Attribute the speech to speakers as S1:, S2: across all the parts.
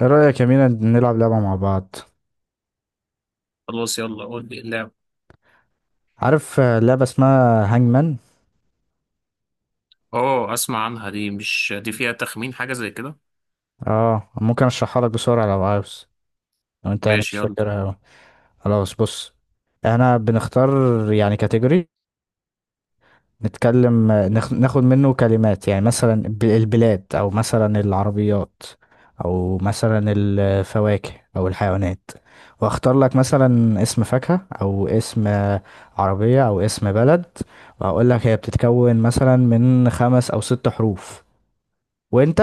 S1: ايه رأيك يا مينا نلعب لعبة مع بعض؟
S2: خلاص، يلا قول لي اللعبة.
S1: عارف، لعبة اسمها هانجمان.
S2: اه، اسمع عنها دي، مش دي فيها تخمين حاجة زي كده؟
S1: اه، ممكن اشرحها لك بسرعة لو عاوز، لو انت يعني
S2: ماشي
S1: مش
S2: يلا.
S1: فاكرها أوي. خلاص بص، احنا بنختار يعني كاتيجوري، نتكلم. ناخد منه كلمات، يعني مثلا البلاد، او مثلا العربيات، او مثلا الفواكه، او الحيوانات. واختار لك مثلا اسم فاكهة، او اسم عربية، او اسم بلد. واقول لك هي بتتكون مثلا من خمس او ست حروف. وانت،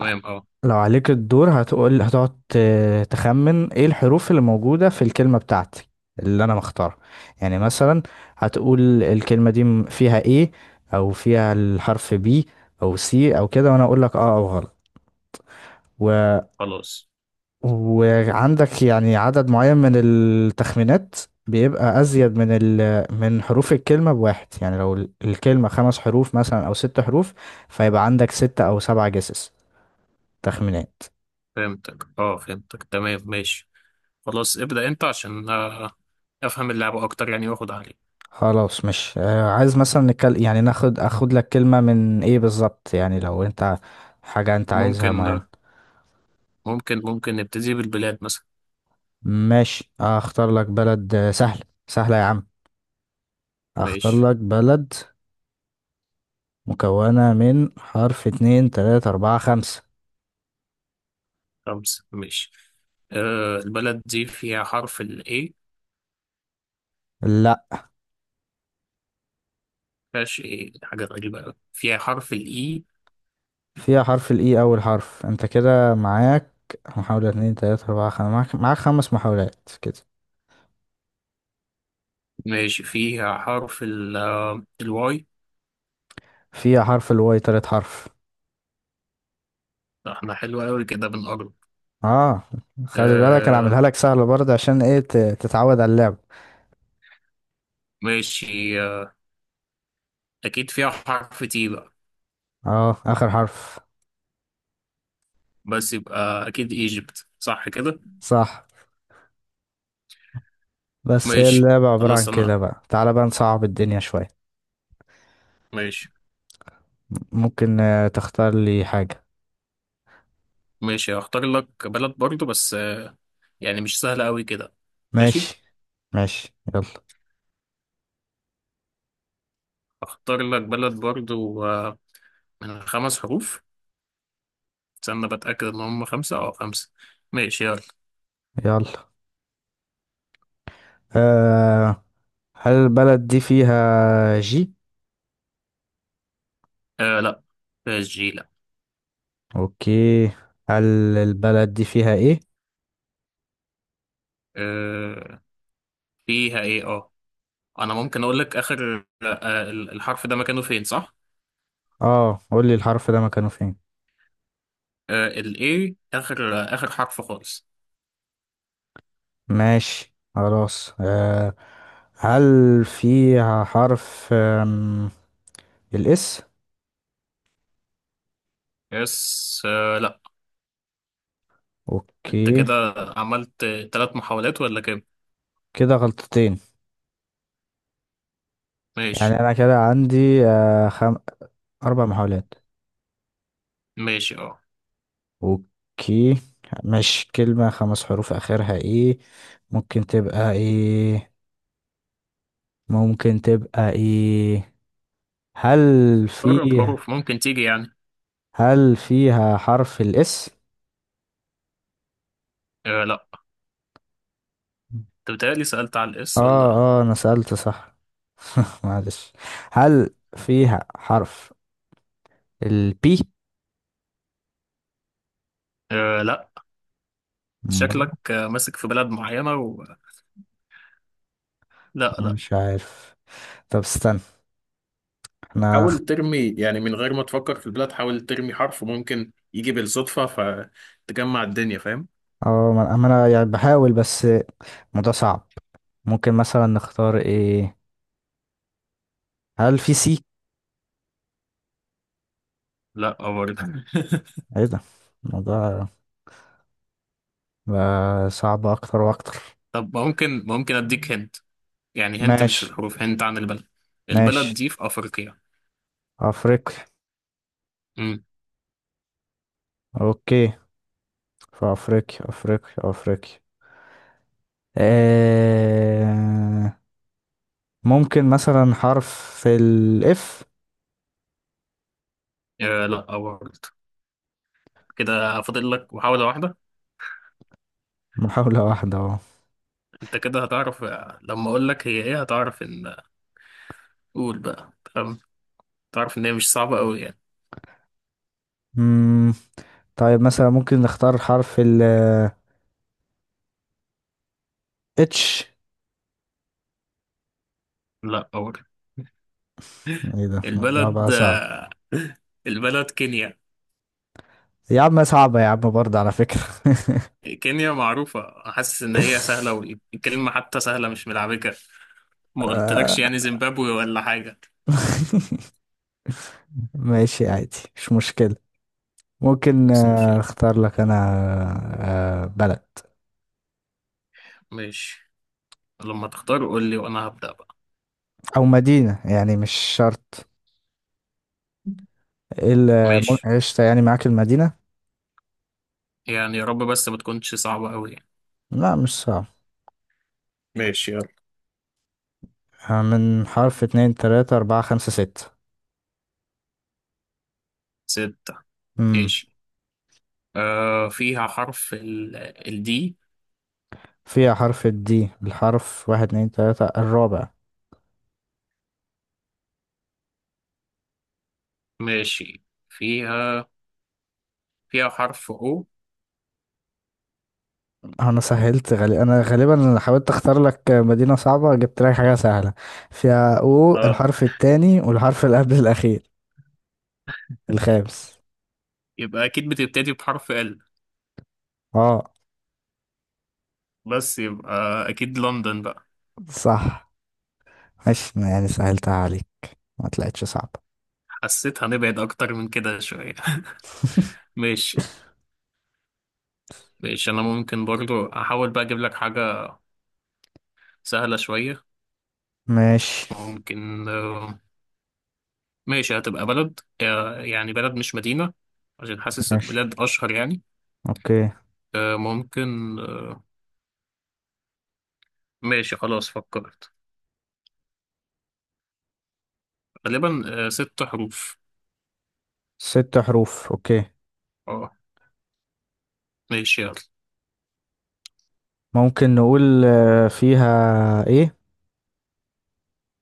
S1: ع-
S2: اه.
S1: لو عليك الدور هتقول، هتقعد تخمن ايه الحروف اللي موجودة في الكلمة بتاعتي اللي انا مختارها. يعني مثلا هتقول الكلمة دي فيها ايه، او فيها الحرف بي، او سي، او كده، وانا اقول لك اه او غلط. و...
S2: خلاص،
S1: وعندك يعني عدد معين من التخمينات، بيبقى ازيد من حروف الكلمة بواحد. يعني لو الكلمة خمس حروف مثلا او ست حروف، فيبقى عندك ستة او سبعة تخمينات.
S2: فهمتك تمام، ماشي. خلاص، ابدأ انت عشان افهم اللعبة اكتر، يعني واخد عليك.
S1: خلاص، مش عايز، مثلا نتكلم يعني اخد لك كلمة من ايه بالظبط. يعني لو انت حاجة انت عايزها
S2: ممكن
S1: معينة.
S2: آه، ممكن ممكن نبتدي بالبلاد مثلا.
S1: ماشي، اختار لك بلد سهلة سهلة يا عم. اختار
S2: ماشي.
S1: لك بلد مكونة من حرف: اتنين، تلاتة، اربعة، خمسة.
S2: خمسة، ماشي. آه، البلد دي فيها حرف ال A؟
S1: لا،
S2: مفيهاش؟ ايه، حاجة غريبة أوي. فيها حرف ال E؟
S1: فيها حرف الاي اول حرف. انت كده معاك محاولة: اتنين، تلاتة، اربعة، خمسة، معاك خمس محاولات كده.
S2: ماشي. فيها حرف الواي؟
S1: فيها حرف الواي تالت حرف.
S2: احنا حلو قوي كده، بنقرب.
S1: اه، خلي بالك انا
S2: آه،
S1: عاملها لك سهلة برضه، عشان ايه تتعود على اللعب.
S2: ماشي، آه. أكيد فيها حرف تي بقى.
S1: اه، اخر حرف.
S2: بس يبقى أكيد إيجيبت، صح كده؟
S1: صح، بس هي
S2: ماشي،
S1: اللعبة عبارة عن
S2: خلاص
S1: كده
S2: أنا.
S1: بقى. تعالى بقى نصعب الدنيا شوية.
S2: ماشي،
S1: ممكن تختار لي حاجة.
S2: ماشي. هختار لك بلد برضو، بس يعني مش سهلة أوي كده. ماشي.
S1: ماشي. ماشي يلا،
S2: هختار لك بلد برضو من 5 حروف. استنى بتأكد إن هم خمسة أو خمسة. ماشي يلا.
S1: يلا. أه، هل البلد دي فيها جي؟
S2: آه، لأ. فيها جي؟ لأ.
S1: اوكي. هل البلد دي فيها ايه؟
S2: آه، فيها إيه؟ أنا ممكن أقول لك آخر الحرف ده مكانه فين، صح؟
S1: اه، قول لي الحرف ده مكانه فين.
S2: الاي، اخر اخر حرف خالص.
S1: ماشي، خلاص. أه، هل فيها حرف الاس؟
S2: يس، آه لا. انت
S1: اوكي،
S2: كده عملت 3 محاولات ولا كام؟
S1: كده غلطتين.
S2: ماشي.
S1: يعني انا كده عندي اربع محاولات.
S2: ماشي اه.
S1: اوكي، مش كلمة خمس حروف، اخرها ايه؟ ممكن تبقى ايه؟ ممكن تبقى ايه؟ هل
S2: جرب
S1: فيها؟
S2: حروف ممكن تيجي يعني.
S1: هل فيها حرف الاس؟
S2: آه لا. انت بتهيألي سألت على الاس، ولا؟
S1: اه، اه، انا سألت صح. معلش. هل فيها حرف البي؟
S2: آه لا.
S1: مم،
S2: شكلك ماسك في بلد معينة و. لا، لا.
S1: مش عارف. طب استنى، احنا.
S2: حاول ترمي يعني من غير ما تفكر في البلاد، حاول ترمي حرف ممكن يجي بالصدفة. فتجمع الدنيا، فاهم؟
S1: اه، ما انا يعني بحاول، بس الموضوع صعب. ممكن مثلا نختار ايه؟ هل في سي؟
S2: لا برضه.
S1: ايه ده، الموضوع بقى صعب اكتر واكتر.
S2: طب، ممكن اديك هنا. يعني هنت، مش في
S1: ماشي.
S2: الحروف، هنت عن البلد.
S1: ماشي،
S2: البلد دي في أفريقيا.
S1: افريقيا.
S2: امم.
S1: اوكي، في افريقيا. افريقيا. آه... ممكن مثلا حرف الاف؟
S2: آه لا برضه. كده فاضل لك محاولة واحدة.
S1: محاولة واحدة اهو.
S2: انت كده هتعرف، لما اقول لك هي ايه هتعرف ان، قول بقى تمام. تعرف ان هي مش صعبة قوي يعني.
S1: مم، طيب، مثلا ممكن نختار حرف ال اتش؟
S2: لا برضه.
S1: ايه ده، الموضوع بقى
S2: البلد،
S1: صعب.
S2: البلد كينيا.
S1: يا عم صعبة يا عم برضه على فكرة.
S2: كينيا معروفة، حاسس ان هي سهلة، والكلمة حتى سهلة، مش ملعبكة. ما
S1: آه،
S2: قلتلكش يعني زيمبابوي ولا حاجة.
S1: ماشي عادي، مش مشكلة. ممكن
S2: بس مش يعني.
S1: اختار لك انا بلد
S2: ماشي. لما تختار قول لي، وانا هبدأ بقى.
S1: او مدينة، يعني مش شرط.
S2: ماشي.
S1: عشت يعني معاك المدينة.
S2: يعني يا رب بس ما تكونش صعبة أوي يعني.
S1: لا مش صعب.
S2: ماشي يلا.
S1: من حرف: اتنين، تلاتة، اربعة، خمسة، ستة.
S2: ستة.
S1: امم.
S2: ماشي. آه، فيها حرف الدي.
S1: فيها حرف الدي، الحرف: واحد، اتنين، تلاتة، الرابع.
S2: ماشي. فيها فيها حرف أو.
S1: انا سهلت غالي، انا غالبا حاولت اختار لك مدينة صعبة، جبت لك حاجة سهلة. فيها او
S2: اه.
S1: الحرف التاني والحرف اللي قبل الاخير، الخامس.
S2: يبقى أكيد بتبتدي بحرف ال.
S1: اه.
S2: بس يبقى أكيد لندن بقى.
S1: صح، ماشي يعني سهلتها عليك، ما طلعتش صعبة.
S2: حسيت هنبعد أكتر من كده شوية. ماشي، ماشي، أنا ممكن برضو أحاول بقى أجيب لك حاجة سهلة شوية.
S1: ماشي.
S2: ممكن ماشي، هتبقى بلد يعني بلد مش مدينة. عشان حاسس
S1: ماشي،
S2: البلاد أشهر يعني.
S1: اوكي.
S2: آه، ممكن. ماشي، خلاص فكرت. غالبا 6 حروف.
S1: ست حروف، اوكي.
S2: اه. ماشي يلا.
S1: ممكن نقول فيها ايه؟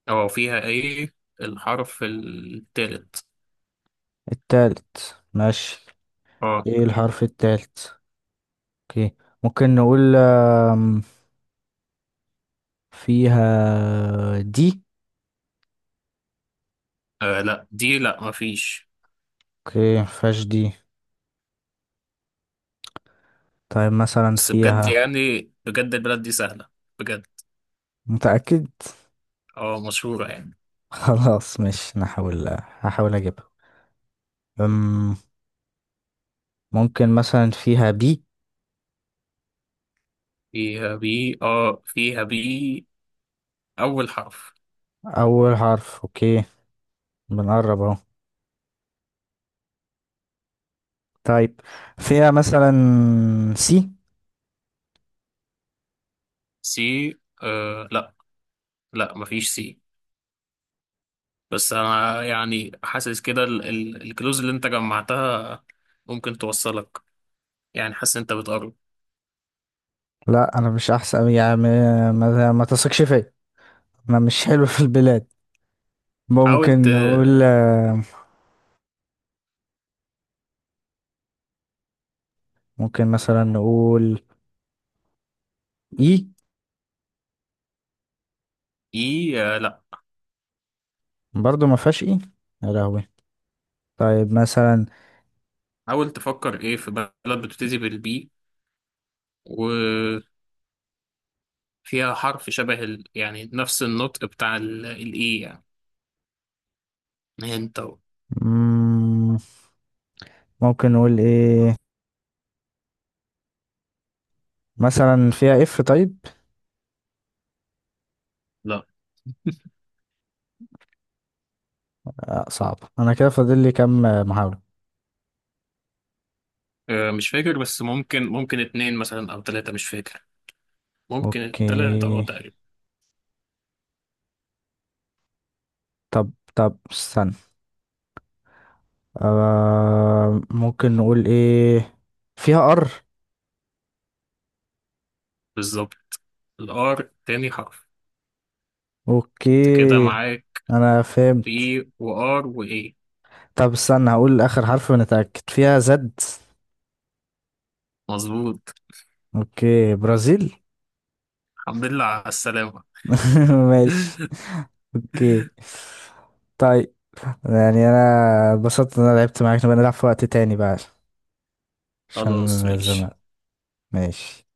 S2: اه، فيها ايه الحرف التالت؟
S1: التالت، ماشي.
S2: اه.
S1: ايه الحرف التالت؟ اوكي. ممكن نقول فيها دي؟
S2: آه، لا، دي لا مفيش.
S1: اوكي، مفيهاش دي. طيب مثلا
S2: بس بجد،
S1: فيها؟
S2: يعني بجد البلد دي سهلة، بجد.
S1: متأكد؟
S2: اه، مشهورة يعني.
S1: خلاص، مش نحاول، هحاول اجيبها. أم، ممكن مثلا فيها بي؟
S2: فيها بي، أول حرف.
S1: اول حرف، اوكي. بنقرب اهو. طيب، فيها مثلا سي؟
S2: سي. آه لا. لا، مفيش سي. بس أنا يعني حاسس كده الكلوز اللي أنت جمعتها ممكن توصلك. يعني حاسس أنت بتقرب.
S1: لا انا مش احسن يعني، ما تثقش فيا. انا مش حلو في البلاد.
S2: حاول.
S1: ممكن نقول. ممكن مثلا نقول اي؟
S2: اي، لا.
S1: برضو ما فيهاش اي. يا لهوي. طيب مثلا.
S2: حاول تفكر ايه في بلد بتبتدي بالبي وفيها حرف شبه يعني نفس النطق بتاع الاي، يعني انت و.
S1: مم، ممكن نقول ايه مثلا؟ فيها اف طيب؟
S2: لا.
S1: آه صعب، انا كده فاضل لي كام محاولة.
S2: مش فاكر، بس ممكن اتنين مثلا او تلاتة، مش فاكر. ممكن التلاتة
S1: اوكي.
S2: تقريبا.
S1: طب استنى. آه، ممكن نقول ايه؟ فيها ار؟
S2: بالظبط. الار تاني حرف. انت كده
S1: اوكي،
S2: معاك.
S1: انا فهمت.
S2: بي وار وايه.
S1: طب استنى، هقول اخر حرف ونتأكد. فيها زد؟
S2: مظبوط.
S1: اوكي، برازيل.
S2: الحمد لله على السلامة.
S1: ماشي، اوكي. طيب، يعني انا اتبسطت ان انا لعبت معاك. نبقى نلعب في وقت تاني بقى عشان
S2: خلاص ماشي.
S1: الزمان. ماشي.